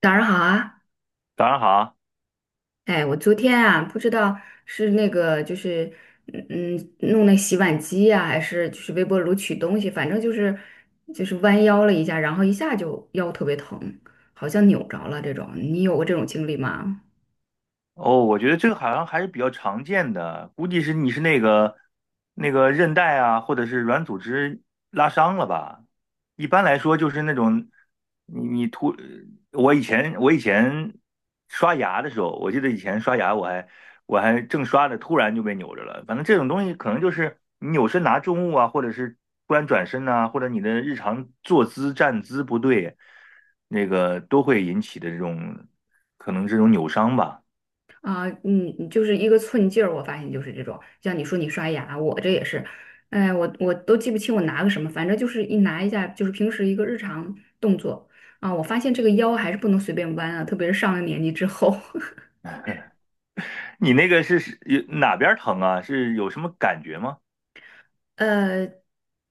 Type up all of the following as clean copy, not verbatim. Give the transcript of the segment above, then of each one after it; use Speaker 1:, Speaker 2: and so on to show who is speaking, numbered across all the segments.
Speaker 1: 早上好啊！
Speaker 2: 早上好。
Speaker 1: 哎，我昨天啊，不知道是那个就是嗯弄那洗碗机呀、还是就是微波炉取东西，反正就是弯腰了一下，然后一下就腰特别疼，好像扭着了这种。你有过这种经历吗？
Speaker 2: 哦，我觉得这个好像还是比较常见的，估计是你是那个韧带啊，或者是软组织拉伤了吧？一般来说就是那种你你突，我以前刷牙的时候，我记得以前刷牙我还正刷着，突然就被扭着了。反正这种东西可能就是你扭身拿重物啊，或者是突然转身呐、或者你的日常坐姿站姿不对，那个都会引起的这种可能这种扭伤吧。
Speaker 1: 啊，嗯，就是一个寸劲儿，我发现就是这种。像你说你刷牙，我这也是，哎，我都记不清我拿个什么，反正就是一拿一下，就是平时一个日常动作啊，我发现这个腰还是不能随便弯啊，特别是上了年纪之后。
Speaker 2: 你那个是有哪边儿疼啊？是有什么感觉吗？
Speaker 1: 呃，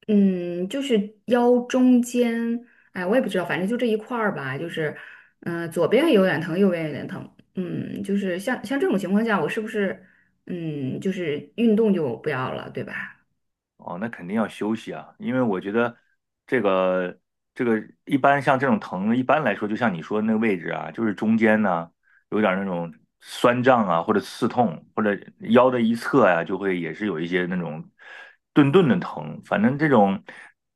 Speaker 1: 嗯，就是腰中间。哎，我也不知道，反正就这一块儿吧，就是，嗯、左边有点疼，右边有点疼，嗯，就是像这种情况下，我是不是，嗯，就是运动就不要了，对吧？
Speaker 2: 哦，那肯定要休息啊，因为我觉得这个这个一般像这种疼，一般来说就像你说的那个位置啊，就是中间呢有点儿那种酸胀啊，或者刺痛，或者腰的一侧呀、就会也是有一些那种顿顿的疼。反正这种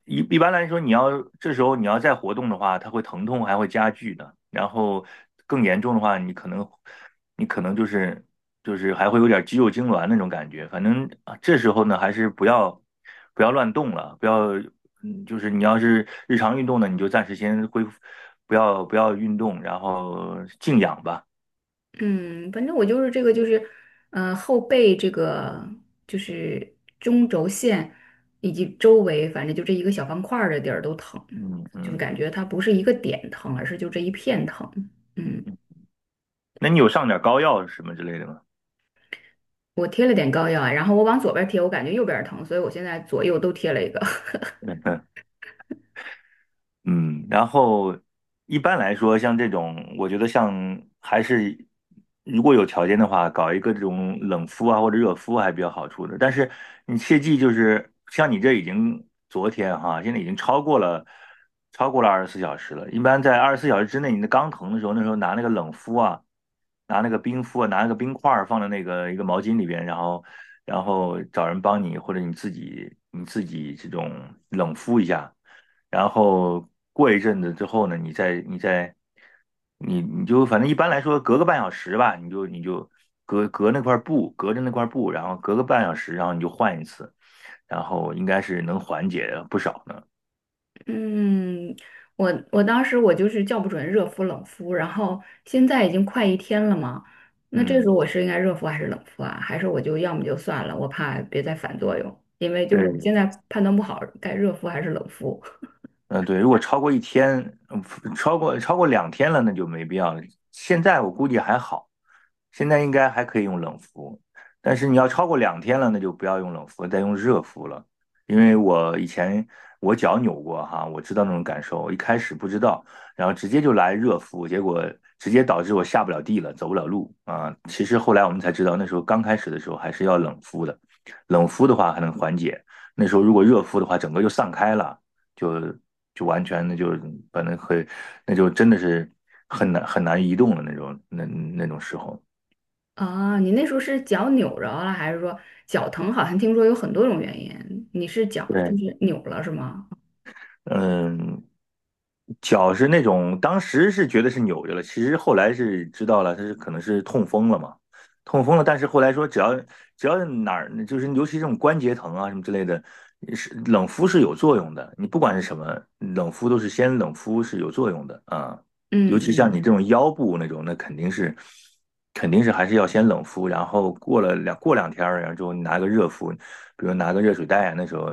Speaker 2: 一般来说，这时候你要再活动的话，它会疼痛还会加剧的。然后更严重的话，你可能就是还会有点肌肉痉挛那种感觉。反正啊，这时候呢，还是不要乱动了，不要就是你要是日常运动呢，你就暂时先恢复，不要运动，然后静养吧。
Speaker 1: 嗯，反正我就是这个，就是，嗯，后背这个就是中轴线以及周围，反正就这一个小方块儿的地儿都疼，
Speaker 2: 嗯
Speaker 1: 就是
Speaker 2: 嗯，
Speaker 1: 感觉它不是一个点疼，而是就这一片疼，嗯。
Speaker 2: 那你有上点膏药什么之类的吗？
Speaker 1: 我贴了点膏药啊，然后我往左边贴，我感觉右边疼，所以我现在左右都贴了一个。
Speaker 2: 嗯，然后一般来说，像这种，我觉得像还是如果有条件的话，搞一个这种冷敷啊或者热敷还比较好处的。但是你切记，就是像你这已经昨天哈，现在已经超过了二十四小时了。一般在二十四小时之内，你的刚疼的时候，那时候拿那个冷敷啊，拿那个冰敷啊，拿那个冰块儿放在那个一个毛巾里边，然后然后找人帮你，或者你自己这种冷敷一下。然后过一阵子之后呢，你再你再你你就反正一般来说隔个半小时吧，你就隔着那块布，然后隔个半小时，然后你就换一次，然后应该是能缓解不少呢。
Speaker 1: 嗯，我当时我就是叫不准热敷冷敷，然后现在已经快一天了嘛，那这时
Speaker 2: 嗯，
Speaker 1: 候我是应该热敷还是冷敷啊？还是我就要么就算了，我怕别再反作用，因为就是我
Speaker 2: 对，
Speaker 1: 现在判断不好该热敷还是冷敷
Speaker 2: 嗯，对，如果超过1天，嗯，超过两天了，那就没必要了。现在我估计还好，现在应该还可以用冷敷，但是你要超过两天了，那就不要用冷敷，再用热敷了。因为我以前我脚扭过哈，我知道那种感受，我一开始不知道，然后直接就来热敷，结果直接导致我下不了地了，走不了路啊。其实后来我们才知道，那时候刚开始的时候还是要冷敷的，冷敷的话还能缓解，那时候如果热敷的话，整个就散开了。就就完全那就是把那很那就真的是很难很难移动的那种那种时候。
Speaker 1: 啊。你那时候是脚扭着了，还是说脚疼？好像听说有很多种原因，你是脚就
Speaker 2: 对，
Speaker 1: 是扭了是吗？
Speaker 2: 嗯，脚是那种当时是觉得是扭着了，其实后来是知道了，他是可能是痛风了嘛，痛风了。但是后来说只要哪儿就是尤其这种关节疼啊什么之类的，是冷敷是有作用的。你不管是什么冷敷，都是先冷敷是有作用的啊。尤
Speaker 1: 嗯
Speaker 2: 其像你
Speaker 1: 嗯。
Speaker 2: 这种腰部那种，那肯定是肯定是还是要先冷敷，然后过两天儿，然后之后你拿个热敷，比如拿个热水袋啊，那时候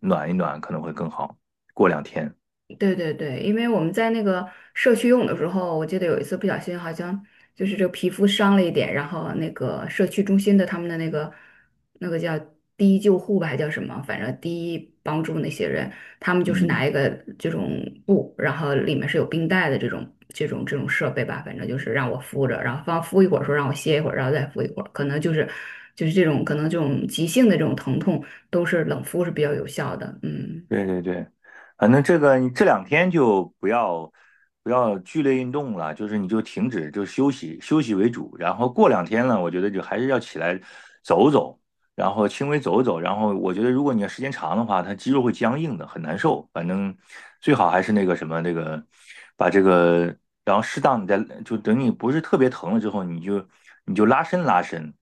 Speaker 2: 暖一暖可能会更好。过两天。
Speaker 1: 对对对，因为我们在那个社区用的时候，我记得有一次不小心好像就是这个皮肤伤了一点，然后那个社区中心的他们的那个叫第一救护吧，还叫什么，反正第一帮助那些人，他们就是
Speaker 2: 嗯，
Speaker 1: 拿一个这种布，然后里面是有冰袋的这种设备吧，反正就是让我敷着，然后放敷一会儿，说让我歇一会儿，然后再敷一会儿，可能就是这种可能这种急性的这种疼痛都是冷敷是比较有效的，嗯。
Speaker 2: 对对对，反正这个你这2天就不要剧烈运动了，就是你就停止，就休息休息为主。然后过两天呢，我觉得就还是要起来走走，然后轻微走走。然后我觉得如果你要时间长的话，它肌肉会僵硬的，很难受。反正最好还是那个什么那个把这个，然后适当你再就等你不是特别疼了之后，你就拉伸拉伸。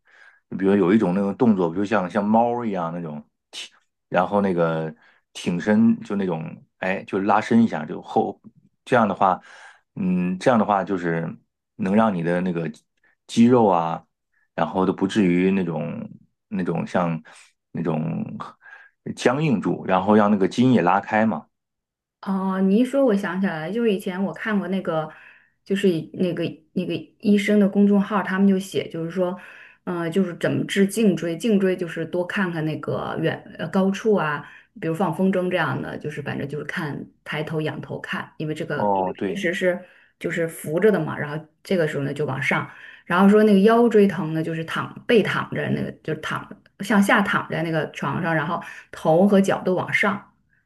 Speaker 2: 比如有一种那种动作，比如像猫一样那种踢然后那个挺身就那种，哎，就拉伸一下，就后，这样的话，嗯，这样的话就是能让你的那个肌肉啊，然后都不至于那种像那种僵硬住，然后让那个筋也拉开嘛。
Speaker 1: 哦，你一说，我想起来了，就是以前我看过那个，就是以那个那个医生的公众号，他们就写，就是说，就是怎么治颈椎，颈椎就是多看看那个远高处啊，比如放风筝这样的，就是反正就是看抬头仰头看，因为这个因为
Speaker 2: 哦，
Speaker 1: 平
Speaker 2: 对，
Speaker 1: 时是就是扶着的嘛，然后这个时候呢就往上，然后说那个腰椎疼呢，就是躺背躺着那个，就是躺向下躺在那个床上，然后头和脚都往上。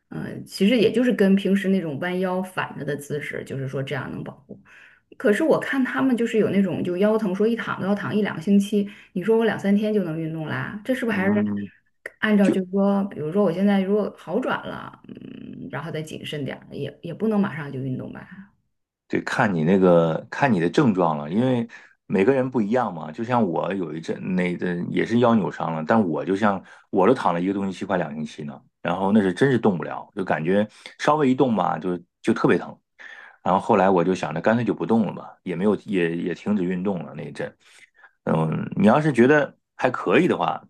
Speaker 1: 嗯，其实也就是跟平时那种弯腰反着的姿势，就是说这样能保护。可是我看他们就是有那种就腰疼，说一躺都要躺一两个星期，你说我两三天就能运动啦？这是不是还是
Speaker 2: 嗯，
Speaker 1: 按照就是说，比如说我现在如果好转了，嗯，然后再谨慎点儿，也不能马上就运动吧？
Speaker 2: 对，看你的症状了，因为每个人不一样嘛。就像我有一阵那个也是腰扭伤了，但我就像我都躺了1个多星期，快2星期呢。然后那是真是动不了，就感觉稍微一动吧，就特别疼。然后后来我就想着干脆就不动了吧，也没有也也停止运动了那一阵。嗯，你要是觉得还可以的话，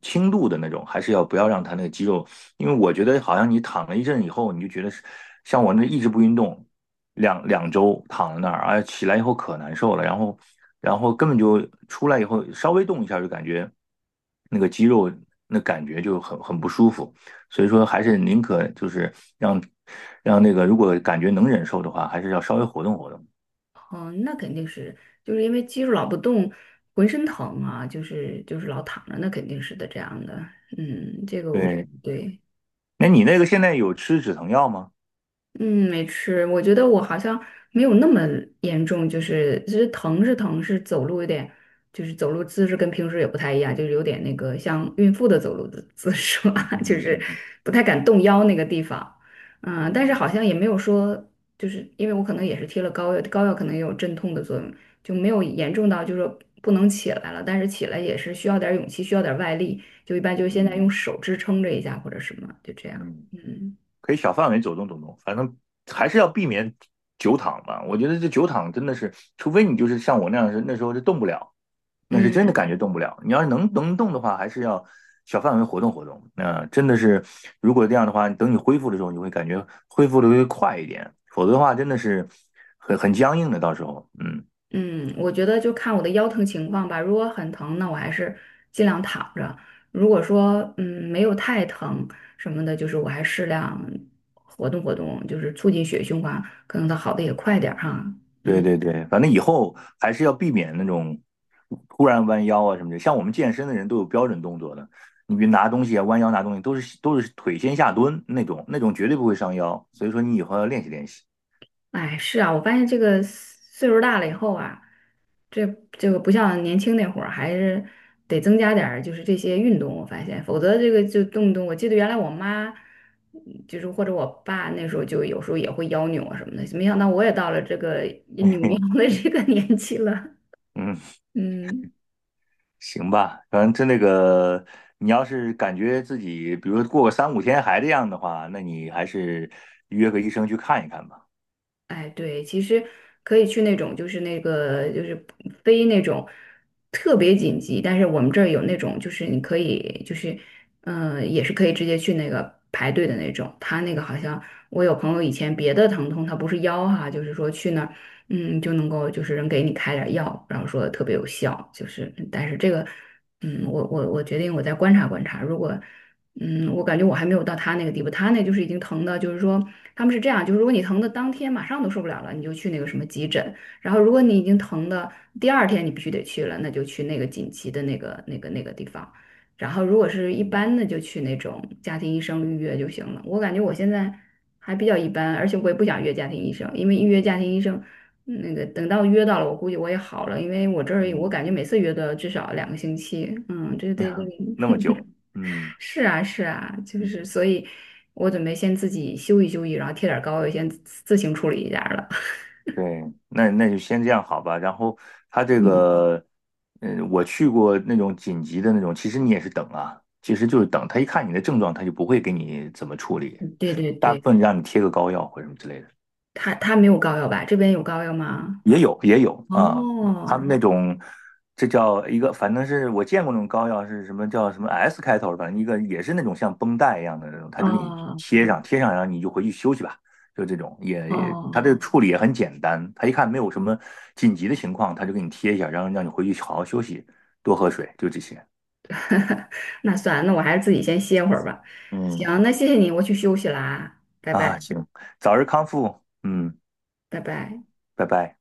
Speaker 2: 轻度的那种还是要不要让他那个肌肉，因为我觉得好像你躺了一阵以后，你就觉得是像我那一直不运动。两周躺在那儿，哎，起来以后可难受了，然后根本就出来以后稍微动一下就感觉那个肌肉那感觉就很不舒服，所以说还是宁可就是让那个如果感觉能忍受的话，还是要稍微活动活动。
Speaker 1: 嗯，那肯定是就是因为肌肉老不动，浑身疼啊，就是老躺着，那肯定是的这样的。嗯，这个我
Speaker 2: 对，
Speaker 1: 对。
Speaker 2: 那你那个现在有吃止疼药吗？
Speaker 1: 嗯，没吃。我觉得我好像没有那么严重，就是其实疼是疼，是走路有点，就是走路姿势跟平时也不太一样，就是有点那个像孕妇的走路的姿势吧，
Speaker 2: 嗯
Speaker 1: 就
Speaker 2: 嗯
Speaker 1: 是
Speaker 2: 嗯
Speaker 1: 不太敢动腰那个地方。嗯，但是
Speaker 2: 嗯
Speaker 1: 好像也没有说，就是因为我可能也是贴了膏药，膏药可能也有镇痛的作用，就没有严重到就是说不能起来了，但是起来也是需要点儿勇气，需要点儿外力，就一般就是现
Speaker 2: 嗯
Speaker 1: 在用
Speaker 2: 嗯
Speaker 1: 手支撑着一下或者什么，就这样。
Speaker 2: 嗯，
Speaker 1: 嗯
Speaker 2: 可以小范围走动走动，反正还是要避免久躺吧。我觉得这久躺真的是，除非你就是像我那样是那时候就动不了。那是真的感
Speaker 1: 嗯。
Speaker 2: 觉动不了。你要是能动的话，还是要小范围活动活动。那真的是，如果这样的话，等你恢复的时候，你会感觉恢复的会快一点，否则的话，真的是很僵硬的。到时候，嗯，
Speaker 1: 嗯，我觉得就看我的腰疼情况吧。如果很疼，那我还是尽量躺着；如果说嗯没有太疼什么的，就是我还适量活动活动，就是促进血液循环，可能它好的也快点儿哈。
Speaker 2: 对
Speaker 1: 嗯，
Speaker 2: 对对，反正以后还是要避免那种突然弯腰啊什么的。像我们健身的人都有标准动作的，你比如拿东西啊、弯腰拿东西，都是腿先下蹲那种，那种绝对不会伤腰。所以说，你以后要练习练习。
Speaker 1: 哎，是啊，我发现这个岁数大了以后啊，这这个不像年轻那会儿，还是得增加点儿就是这些运动，我发现，否则这个就动不动，我记得原来我妈，嗯就是或者我爸那时候就有时候也会腰扭啊什么的，没想到我也到了这个扭腰的这个年纪了，
Speaker 2: 嗯。
Speaker 1: 嗯。
Speaker 2: 行吧，反正这那个，你要是感觉自己，比如说过个3到5天还这样的话，那你还是约个医生去看一看吧。
Speaker 1: 哎，对，其实可以去那种，就是那个，就是非那种特别紧急，但是我们这儿有那种，就是你可以，就是，嗯、也是可以直接去那个排队的那种。他那个好像我有朋友以前别的疼痛，他不是腰哈，就是说去那儿，嗯，就能够就是人给你开点儿药，然后说特别有效，就是，但是这个，嗯，我决定我再观察观察，如果。嗯，我感觉我还没有到他那个地步，他那就是已经疼的，就是说他们是这样，就是如果你疼的当天马上都受不了了，你就去那个什么急诊，然后如果你已经疼的第二天你必须得去了，那就去那个紧急的那个地方，然后如果是一
Speaker 2: 嗯
Speaker 1: 般的就去那种家庭医生预约就行了。我感觉我现在还比较一般，而且我也不想约家庭医生，因为预约家庭医生嗯那个等到约到了，我估计我也好了，因为我这儿我感觉
Speaker 2: 嗯
Speaker 1: 每次约都要至少两个星期，嗯，这。
Speaker 2: 那么 久。嗯，
Speaker 1: 是啊，是啊，就是
Speaker 2: 嗯
Speaker 1: 所以，我准备先自己休息休息，然后贴点儿膏药，先自自行处理一下儿了。
Speaker 2: 对，那那就先这样好吧。然后他这 个，嗯，我去过那种紧急的那种，其实你也是等啊，其实就是等他一看你的症状，他就不会给你怎么处理，
Speaker 1: 嗯，对对
Speaker 2: 大部
Speaker 1: 对，
Speaker 2: 分让你贴个膏药或者什么之类的。
Speaker 1: 他没有膏药吧？这边有膏药吗？
Speaker 2: 也有也有啊，他
Speaker 1: 哦，
Speaker 2: 们那种，这叫一个，反正是我见过那种膏药，是什么叫什么 S 开头，反正一个也是那种像绷带一样的那种，他就给你
Speaker 1: 哦，
Speaker 2: 贴上，贴上然后你就回去休息吧，就这种，他
Speaker 1: 哦，
Speaker 2: 这个处理也很简单，他一看没有什么紧急的情况，他就给你贴一下，然后让你回去好好休息，多喝水，就这些。
Speaker 1: 那算了，那我还是自己先歇会儿吧。
Speaker 2: 嗯，
Speaker 1: 行，那谢谢你，我去休息啦，拜拜，
Speaker 2: 啊，行，早日康复，嗯，
Speaker 1: 拜拜。
Speaker 2: 拜拜。